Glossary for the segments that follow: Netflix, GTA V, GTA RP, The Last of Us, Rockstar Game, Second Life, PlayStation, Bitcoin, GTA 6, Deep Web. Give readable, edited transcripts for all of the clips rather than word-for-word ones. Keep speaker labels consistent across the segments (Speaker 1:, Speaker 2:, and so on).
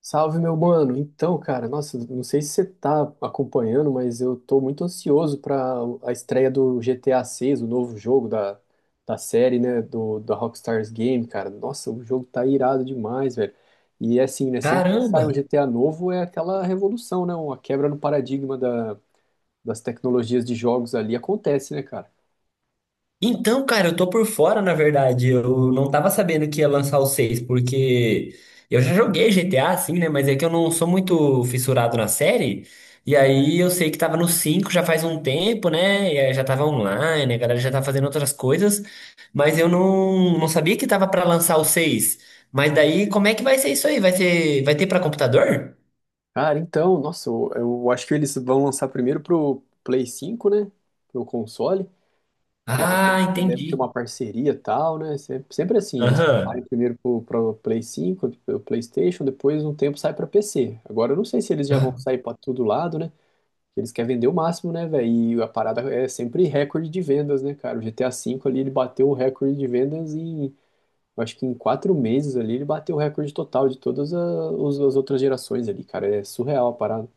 Speaker 1: Salve, meu mano. Então, cara, nossa, não sei se você tá acompanhando, mas eu tô muito ansioso para a estreia do GTA 6, o novo jogo da série, né, do da Rockstar Game, cara. Nossa, o jogo tá irado demais, velho. E é assim, né, sempre que sai
Speaker 2: Caramba!
Speaker 1: um GTA novo é aquela revolução, né, uma quebra no paradigma das tecnologias de jogos ali acontece, né, cara?
Speaker 2: Então, cara, eu tô por fora, na verdade. Eu não tava sabendo que ia lançar o seis, porque eu já joguei GTA, assim, né? Mas é que eu não sou muito fissurado na série. E aí eu sei que tava no 5 já faz um tempo, né? E aí já tava online, a galera já tá fazendo outras coisas. Mas eu não sabia que tava pra lançar o seis. Mas daí, como é que vai ser isso aí? Vai ser, vai ter pra computador?
Speaker 1: Cara, então, nossa, eu acho que eles vão lançar primeiro pro Play 5, né, pro console. Daí
Speaker 2: Ah,
Speaker 1: deve ter
Speaker 2: entendi.
Speaker 1: uma parceria e tal, né? Sempre assim, eles saem
Speaker 2: Aham.
Speaker 1: primeiro pro Play 5, pro PlayStation, depois um tempo sai pra PC. Agora eu não sei se eles já vão sair pra todo lado, né? Eles querem vender o máximo, né, velho? E a parada é sempre recorde de vendas, né, cara? O GTA V ali, ele bateu o recorde de vendas em, eu acho que em 4 meses ali, ele bateu o recorde total de todas as outras gerações ali, cara. É surreal a parada.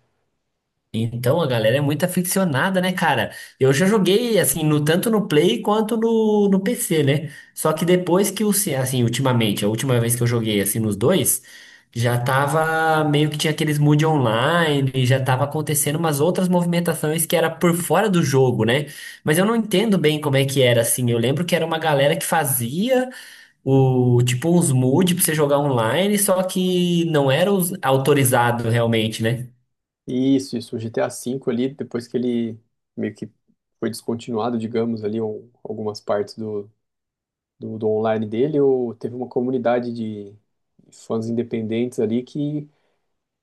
Speaker 2: Então, a galera é muito aficionada, né, cara? Eu já joguei, assim, tanto no Play quanto no PC, né? Só que depois que assim, ultimamente, a última vez que eu joguei, assim, nos dois, já tava meio que tinha aqueles mood online, e já tava acontecendo umas outras movimentações que era por fora do jogo, né? Mas eu não entendo bem como é que era, assim. Eu lembro que era uma galera que fazia tipo, uns mood pra você jogar online, só que não era os autorizado realmente, né?
Speaker 1: Isso, o GTA V ali, depois que ele meio que foi descontinuado, digamos, ali, ou algumas partes do online dele, ou teve uma comunidade de fãs independentes ali que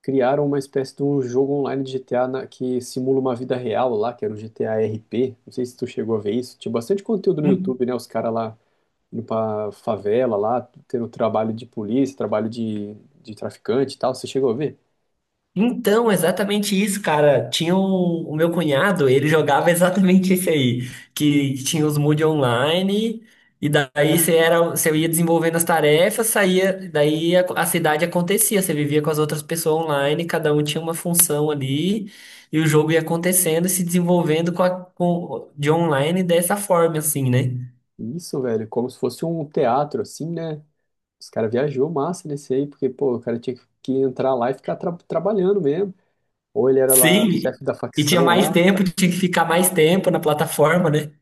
Speaker 1: criaram uma espécie de um jogo online de GTA que simula uma vida real lá, que era o GTA RP. Não sei se tu chegou a ver isso. Tinha bastante conteúdo no YouTube, né? Os caras lá indo pra favela lá, tendo trabalho de polícia, trabalho de traficante e tal. Você chegou a ver?
Speaker 2: Então, exatamente isso, cara. O meu cunhado, ele jogava exatamente esse aí, que tinha os mood online, e daí você era, você ia desenvolvendo as tarefas, saía, daí a cidade acontecia, você vivia com as outras pessoas online, cada um tinha uma função ali, e o jogo ia acontecendo e se desenvolvendo de online dessa forma, assim, né?
Speaker 1: Isso, velho, como se fosse um teatro, assim, né? Os caras viajou massa nesse aí, porque, pô, o cara tinha que entrar lá e ficar trabalhando mesmo. Ou ele era lá
Speaker 2: Sim,
Speaker 1: chefe da
Speaker 2: e tinha
Speaker 1: facção
Speaker 2: mais
Speaker 1: lá.
Speaker 2: tempo, tinha que ficar mais tempo na plataforma, né?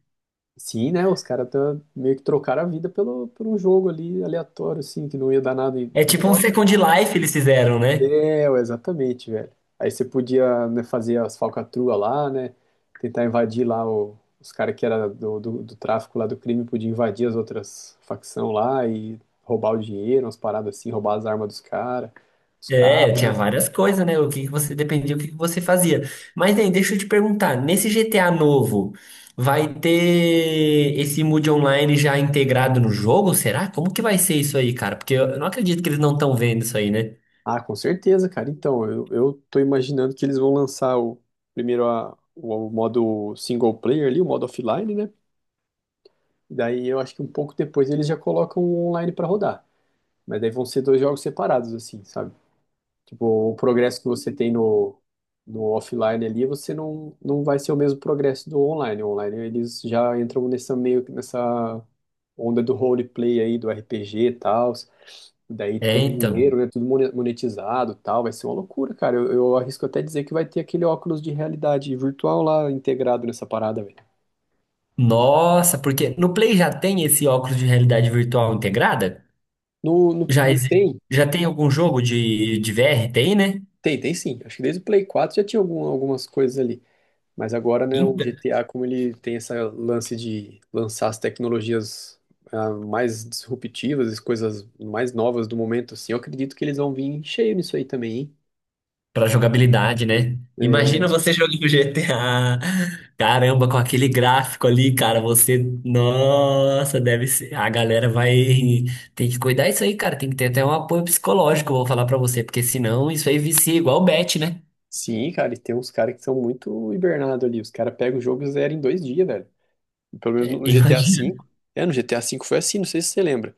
Speaker 1: Sim, né? Os caras meio que trocaram a vida pelo, por um jogo ali aleatório, assim, que não ia dar nada em,
Speaker 2: É
Speaker 1: em
Speaker 2: tipo um
Speaker 1: troca.
Speaker 2: Second Life eles fizeram, né?
Speaker 1: É, exatamente, velho. Aí você podia, né, fazer as falcatruas lá, né? Tentar invadir lá os caras que era do tráfico lá do crime, podia invadir as outras facção lá e roubar o dinheiro, umas paradas assim, roubar as armas dos caras, os
Speaker 2: É,
Speaker 1: carros,
Speaker 2: tinha
Speaker 1: né?
Speaker 2: várias coisas, né? O que que você dependia, o que que você fazia. Mas, nem, deixa eu te perguntar, nesse GTA novo, vai ter esse mood online já integrado no jogo? Será? Como que vai ser isso aí, cara? Porque eu não acredito que eles não estão vendo isso aí, né?
Speaker 1: Ah, com certeza, cara. Então, eu tô imaginando que eles vão lançar o modo single player ali, o modo offline, né? Daí eu acho que um pouco depois eles já colocam o online pra rodar. Mas daí vão ser dois jogos separados, assim, sabe? Tipo, o progresso que você tem no offline ali, você não vai ser o mesmo progresso do online. O online, eles já entram nessa meio que nessa onda do roleplay aí, do RPG e tal. Daí
Speaker 2: É,
Speaker 1: tem
Speaker 2: então.
Speaker 1: dinheiro, né? Tudo monetizado e tal. Vai ser uma loucura, cara. Eu arrisco até dizer que vai ter aquele óculos de realidade virtual lá integrado nessa parada, velho.
Speaker 2: Nossa, porque no Play já tem esse óculos de realidade virtual integrada?
Speaker 1: No, no,
Speaker 2: Já,
Speaker 1: no- tem,
Speaker 2: já tem algum jogo de VR? Tem, né?
Speaker 1: tem sim. Acho que desde o Play 4 já tinha algum, algumas coisas ali. Mas agora, né, o
Speaker 2: Então,
Speaker 1: GTA, como ele tem esse lance de lançar as tecnologias mais disruptivas, as coisas mais novas do momento, assim, eu acredito que eles vão vir cheio nisso aí também,
Speaker 2: pra jogabilidade,
Speaker 1: hein?
Speaker 2: né? Imagina
Speaker 1: É,
Speaker 2: você jogando GTA. Caramba, com aquele gráfico ali, cara, você. Nossa, deve ser. A galera vai. Tem que cuidar isso aí, cara. Tem que ter até um apoio psicológico, vou falar pra você, porque senão isso aí vicia igual bet, né?
Speaker 1: sim, cara, e tem uns caras que são muito hibernados ali. Os caras pegam o jogo e zeram em 2 dias, velho. Pelo menos
Speaker 2: É,
Speaker 1: no GTA V.
Speaker 2: imagina.
Speaker 1: É, no GTA V foi assim, não sei se você lembra.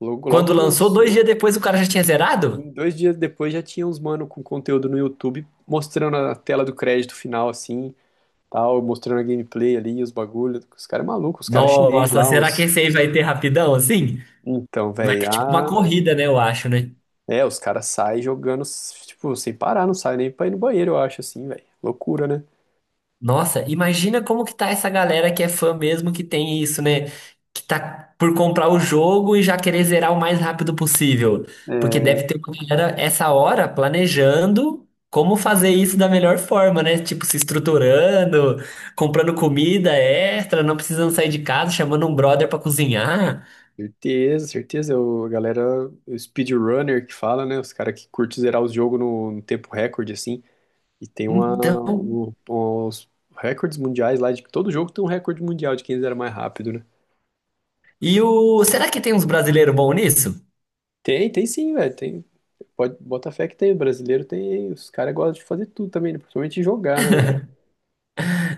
Speaker 1: Logo, logo
Speaker 2: Quando
Speaker 1: que
Speaker 2: lançou, dois dias
Speaker 1: lançou,
Speaker 2: depois o cara já tinha zerado?
Speaker 1: em 2 dias depois já tinha uns mano com conteúdo no YouTube mostrando a tela do crédito final, assim, tal, mostrando a gameplay ali, os bagulhos. Os caras é maluco, os caras chinês
Speaker 2: Nossa,
Speaker 1: lá,
Speaker 2: será que
Speaker 1: uns.
Speaker 2: esse aí vai ter rapidão assim?
Speaker 1: Então,
Speaker 2: Vai
Speaker 1: velho,
Speaker 2: ter tipo uma corrida, né? Eu acho, né?
Speaker 1: é, os caras saem jogando, tipo, sem parar, não sai nem pra ir no banheiro, eu acho, assim, velho. Loucura, né?
Speaker 2: Nossa, imagina como que tá essa galera que é fã mesmo que tem isso, né? Que tá por comprar o jogo e já querer zerar o mais rápido possível. Porque deve ter uma galera essa hora planejando como fazer isso da melhor forma, né? Tipo, se estruturando, comprando comida extra, não precisando sair de casa, chamando um brother pra cozinhar.
Speaker 1: Certeza, certeza. O, a galera, o speedrunner que fala, né? Os caras que curtem zerar os jogos no tempo recorde, assim. E tem uma,
Speaker 2: Então,
Speaker 1: um- uns recordes mundiais lá, de que todo jogo tem um recorde mundial de quem zera mais rápido, né?
Speaker 2: e o será que tem uns brasileiros bons nisso?
Speaker 1: Tem sim, velho. Tem, pode, bota fé que tem, brasileiro tem, os caras gostam de fazer tudo também, né? Principalmente jogar, né, velho?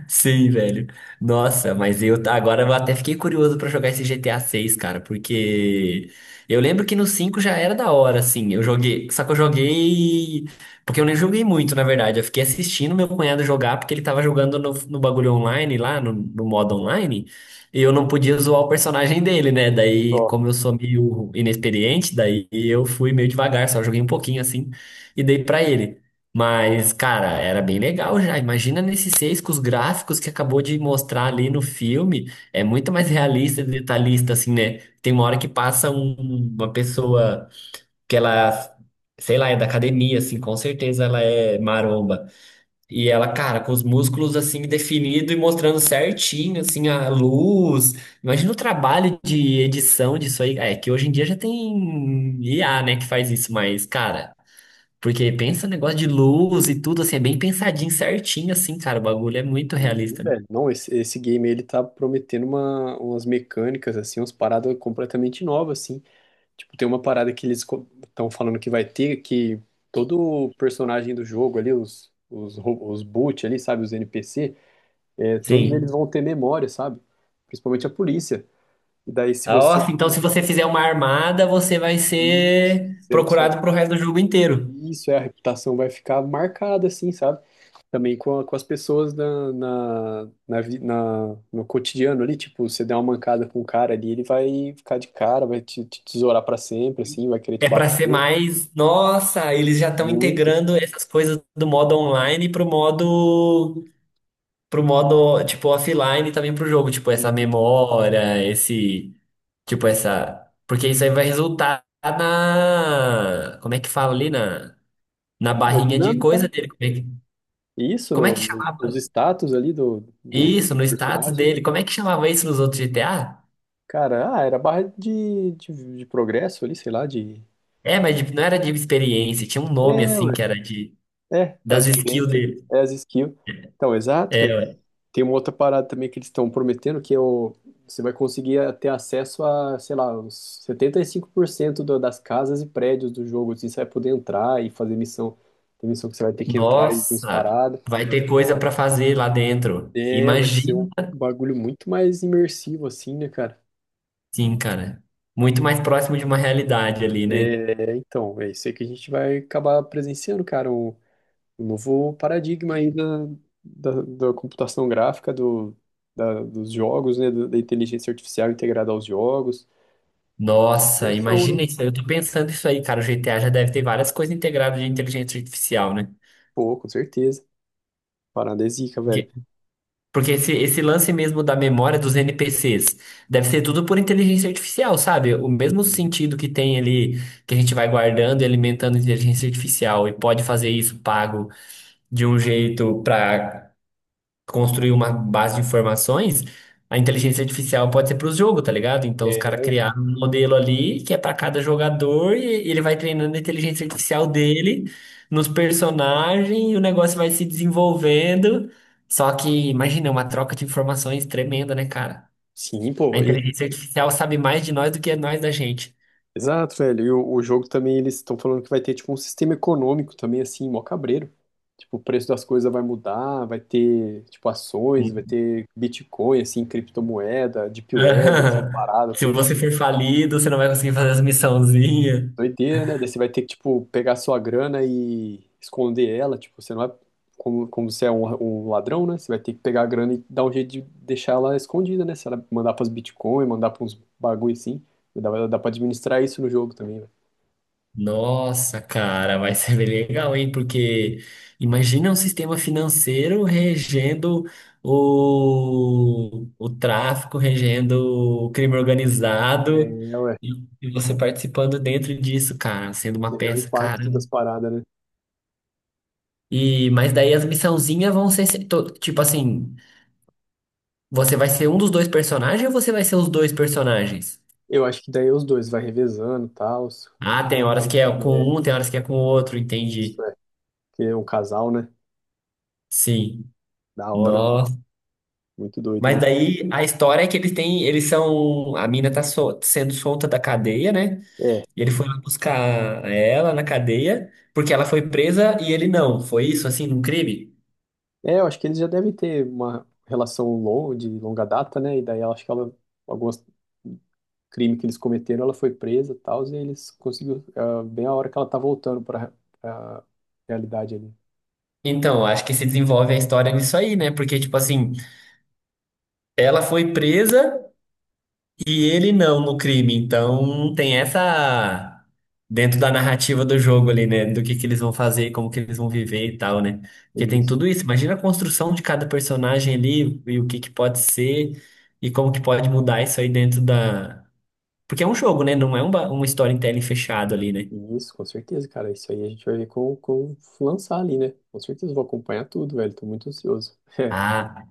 Speaker 2: Sim, velho. Nossa, mas agora eu até fiquei curioso pra jogar esse GTA 6, cara, porque eu lembro que no 5 já era da hora, assim. Eu joguei, só que eu joguei porque eu nem joguei muito, na verdade. Eu fiquei assistindo meu cunhado jogar porque ele tava jogando no bagulho online lá, no modo online, e eu não podia zoar o personagem dele, né? Daí,
Speaker 1: Ó,
Speaker 2: como eu sou meio inexperiente, daí eu fui meio devagar, só joguei um pouquinho assim e dei pra ele. Mas, cara, era bem legal já. Imagina nesses seis com os gráficos que acabou de mostrar ali no filme. É muito mais realista e detalhista, assim, né? Tem uma hora que passa uma pessoa que ela, sei lá, é da academia, assim, com certeza ela é maromba. E ela, cara, com os músculos, assim, definido e mostrando certinho, assim, a luz. Imagina o trabalho de edição disso aí. É que hoje em dia já tem IA, né, que faz isso, mas, cara. Porque pensa negócio de luz e tudo, assim, é bem pensadinho, certinho, assim, cara. O bagulho é muito realista, né?
Speaker 1: velho. Não, esse game ele tá prometendo uma, umas mecânicas, assim, umas paradas completamente novas, assim. Tipo, tem uma parada que eles estão falando que vai ter, que todo personagem do jogo ali, os boot ali, sabe, os NPC, é, todos eles
Speaker 2: Sim.
Speaker 1: vão ter memória, sabe? Principalmente a polícia. E daí, se
Speaker 2: Ah,
Speaker 1: você.
Speaker 2: ó, então, se você fizer uma armada, você vai
Speaker 1: Isso,
Speaker 2: ser
Speaker 1: se você-
Speaker 2: procurado pro resto do jogo inteiro.
Speaker 1: isso é, a reputação vai ficar marcada, assim, sabe? Também com as pessoas no cotidiano ali, tipo, você der uma mancada com o cara ali, ele vai ficar de cara, vai te tesourar pra sempre, assim, vai querer te
Speaker 2: É pra ser
Speaker 1: bater
Speaker 2: mais. Nossa, eles já estão
Speaker 1: muito.
Speaker 2: integrando essas coisas do modo online pro modo. Pro modo, tipo, offline também pro jogo. Tipo, essa
Speaker 1: E,
Speaker 2: memória, esse. Tipo, essa. Porque isso aí vai resultar na. Como é que fala ali? Na
Speaker 1: cara, é
Speaker 2: barrinha de
Speaker 1: dinâmica, né?
Speaker 2: coisa dele. Como é que,
Speaker 1: E isso,
Speaker 2: como é
Speaker 1: no,
Speaker 2: que
Speaker 1: no- nos
Speaker 2: chamava?
Speaker 1: status ali do
Speaker 2: Isso, no status
Speaker 1: personagem, né?
Speaker 2: dele. Como é que chamava isso nos outros GTA?
Speaker 1: Cara, era barra de progresso ali, sei lá, de.
Speaker 2: É, mas não era de experiência, tinha um nome assim
Speaker 1: É,
Speaker 2: que era de
Speaker 1: é,
Speaker 2: das
Speaker 1: as
Speaker 2: skills
Speaker 1: vivências,
Speaker 2: dele.
Speaker 1: é as skills. Então, exato,
Speaker 2: É,
Speaker 1: velho.
Speaker 2: ué.
Speaker 1: Tem uma outra parada também que eles estão prometendo, que é o, você vai conseguir ter acesso a, sei lá, uns 75% das casas e prédios do jogo. Assim, você vai poder entrar e fazer missão. Tem missão que você vai ter que entrar e tem uns
Speaker 2: Nossa,
Speaker 1: paradas.
Speaker 2: vai ter coisa pra fazer lá dentro.
Speaker 1: É, vai ser
Speaker 2: Imagina,
Speaker 1: um bagulho muito mais imersivo, assim, né, cara?
Speaker 2: sim, cara. Muito mais próximo de uma realidade ali, né?
Speaker 1: É, então, é isso aí que a gente vai acabar presenciando, cara, um novo paradigma aí da computação gráfica, dos jogos, né, da inteligência artificial integrada aos jogos.
Speaker 2: Nossa,
Speaker 1: Versão
Speaker 2: imagina isso aí. Eu tô pensando isso aí, cara. O GTA já deve ter várias coisas integradas de inteligência artificial, né?
Speaker 1: Pô, com certeza. Parada é zica, velho.
Speaker 2: Porque esse lance mesmo da memória dos NPCs deve ser tudo por inteligência artificial, sabe? O mesmo sentido que tem ali, que a gente vai guardando e alimentando inteligência artificial e pode fazer isso pago de um jeito para construir uma base de informações, a inteligência artificial pode ser para os jogos, tá ligado? Então os caras
Speaker 1: É,
Speaker 2: criaram um modelo ali que é para cada jogador e ele vai treinando a inteligência artificial dele nos personagens e o negócio vai se desenvolvendo. Só que, imagina, é uma troca de informações tremenda, né, cara?
Speaker 1: sim,
Speaker 2: A
Speaker 1: pô.
Speaker 2: inteligência artificial sabe mais de nós do que nós da gente.
Speaker 1: Exato, velho. E o jogo também, eles estão falando que vai ter, tipo, um sistema econômico também, assim, mó cabreiro. Tipo, o preço das coisas vai mudar, vai ter, tipo, ações, vai ter Bitcoin, assim, criptomoeda, Deep Web, essas paradas,
Speaker 2: Se
Speaker 1: tudo,
Speaker 2: você
Speaker 1: assim.
Speaker 2: for falido, você não vai conseguir fazer as missãozinhas.
Speaker 1: Doideira, né? Daí você vai ter que, tipo, pegar sua grana e esconder ela. Tipo, você não é. Como você é um ladrão, né? Você vai ter que pegar a grana e dar um jeito de deixar ela escondida, né? Se ela mandar pras Bitcoin, mandar pra uns bagulho assim. Dá pra administrar isso no jogo também, né?
Speaker 2: Nossa, cara, vai ser bem legal, hein? Porque imagina um sistema financeiro regendo o tráfico, regendo o crime organizado,
Speaker 1: É, ué.
Speaker 2: e, e você participando dentro disso, cara, sendo
Speaker 1: Você
Speaker 2: uma
Speaker 1: vê o
Speaker 2: peça, cara.
Speaker 1: impacto das paradas, né?
Speaker 2: E, mas daí as missãozinhas vão ser, tipo assim, você vai ser um dos dois personagens ou você vai ser os dois personagens?
Speaker 1: Eu acho que daí os dois vai revezando e tal.
Speaker 2: Ah, tem horas que é
Speaker 1: É,
Speaker 2: com um, tem horas que é com o outro,
Speaker 1: isso
Speaker 2: entendi.
Speaker 1: é. Que é um casal, né?
Speaker 2: Sim.
Speaker 1: Da hora, velho. Muito doido,
Speaker 2: Mas
Speaker 1: né?
Speaker 2: daí a história é que eles têm, eles são, a mina tá sendo solta da cadeia, né?
Speaker 1: É.
Speaker 2: E ele foi lá buscar ela na cadeia, porque ela foi presa e ele não. Foi isso, assim, num crime?
Speaker 1: É, eu acho que eles já devem ter uma relação longa, de longa data, né? E daí eu acho que ela, alguns crime que eles cometeram, ela foi presa e tal, e eles conseguiram, bem a hora que ela tá voltando para a realidade ali.
Speaker 2: Então, acho que se desenvolve a história nisso aí, né? Porque, tipo assim, ela foi presa. E ele não no crime, então tem essa dentro da narrativa do jogo ali, né? Do que eles vão fazer, como que eles vão viver e tal, né? Porque tem
Speaker 1: Isso,
Speaker 2: tudo isso. Imagina a construção de cada personagem ali e o que que pode ser e como que pode mudar isso aí dentro da. Porque é um jogo, né? Não é um storytelling fechado ali, né?
Speaker 1: isso, com certeza, cara. Isso aí a gente vai ver com lançar ali, né? Com certeza, eu vou acompanhar tudo, velho. Tô muito ansioso.
Speaker 2: Ah,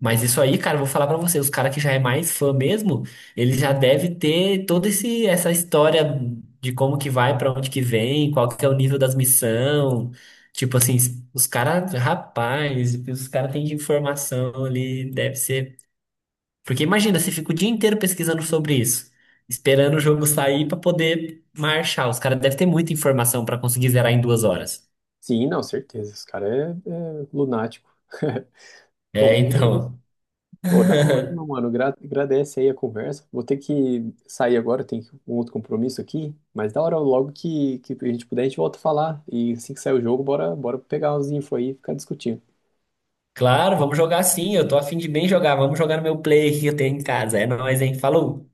Speaker 2: Mas isso aí, cara, eu vou falar pra você, os caras que já é mais fã mesmo, ele já deve ter toda esse essa história de como que vai, pra onde que vem, qual que é o nível das missão. Tipo assim, os caras, rapaz, o que os caras têm de informação ali, deve ser. Porque imagina, você fica o dia inteiro pesquisando sobre isso, esperando o jogo sair pra poder marchar. Os caras devem ter muita informação pra conseguir zerar em 2 horas.
Speaker 1: Sim, não, certeza. Esse cara é, é lunático.
Speaker 2: É,
Speaker 1: Pô,
Speaker 2: então.
Speaker 1: Pô, da hora, meu mano. Agradece aí a conversa. Vou ter que sair agora, tem um outro compromisso aqui. Mas da hora, logo que a gente puder, a gente volta a falar. E assim que sair o jogo, bora, bora pegar os info aí e ficar discutindo.
Speaker 2: Claro, vamos jogar sim. Eu tô a fim de bem jogar. Vamos jogar no meu play que eu tenho em casa. É nóis, hein? Falou!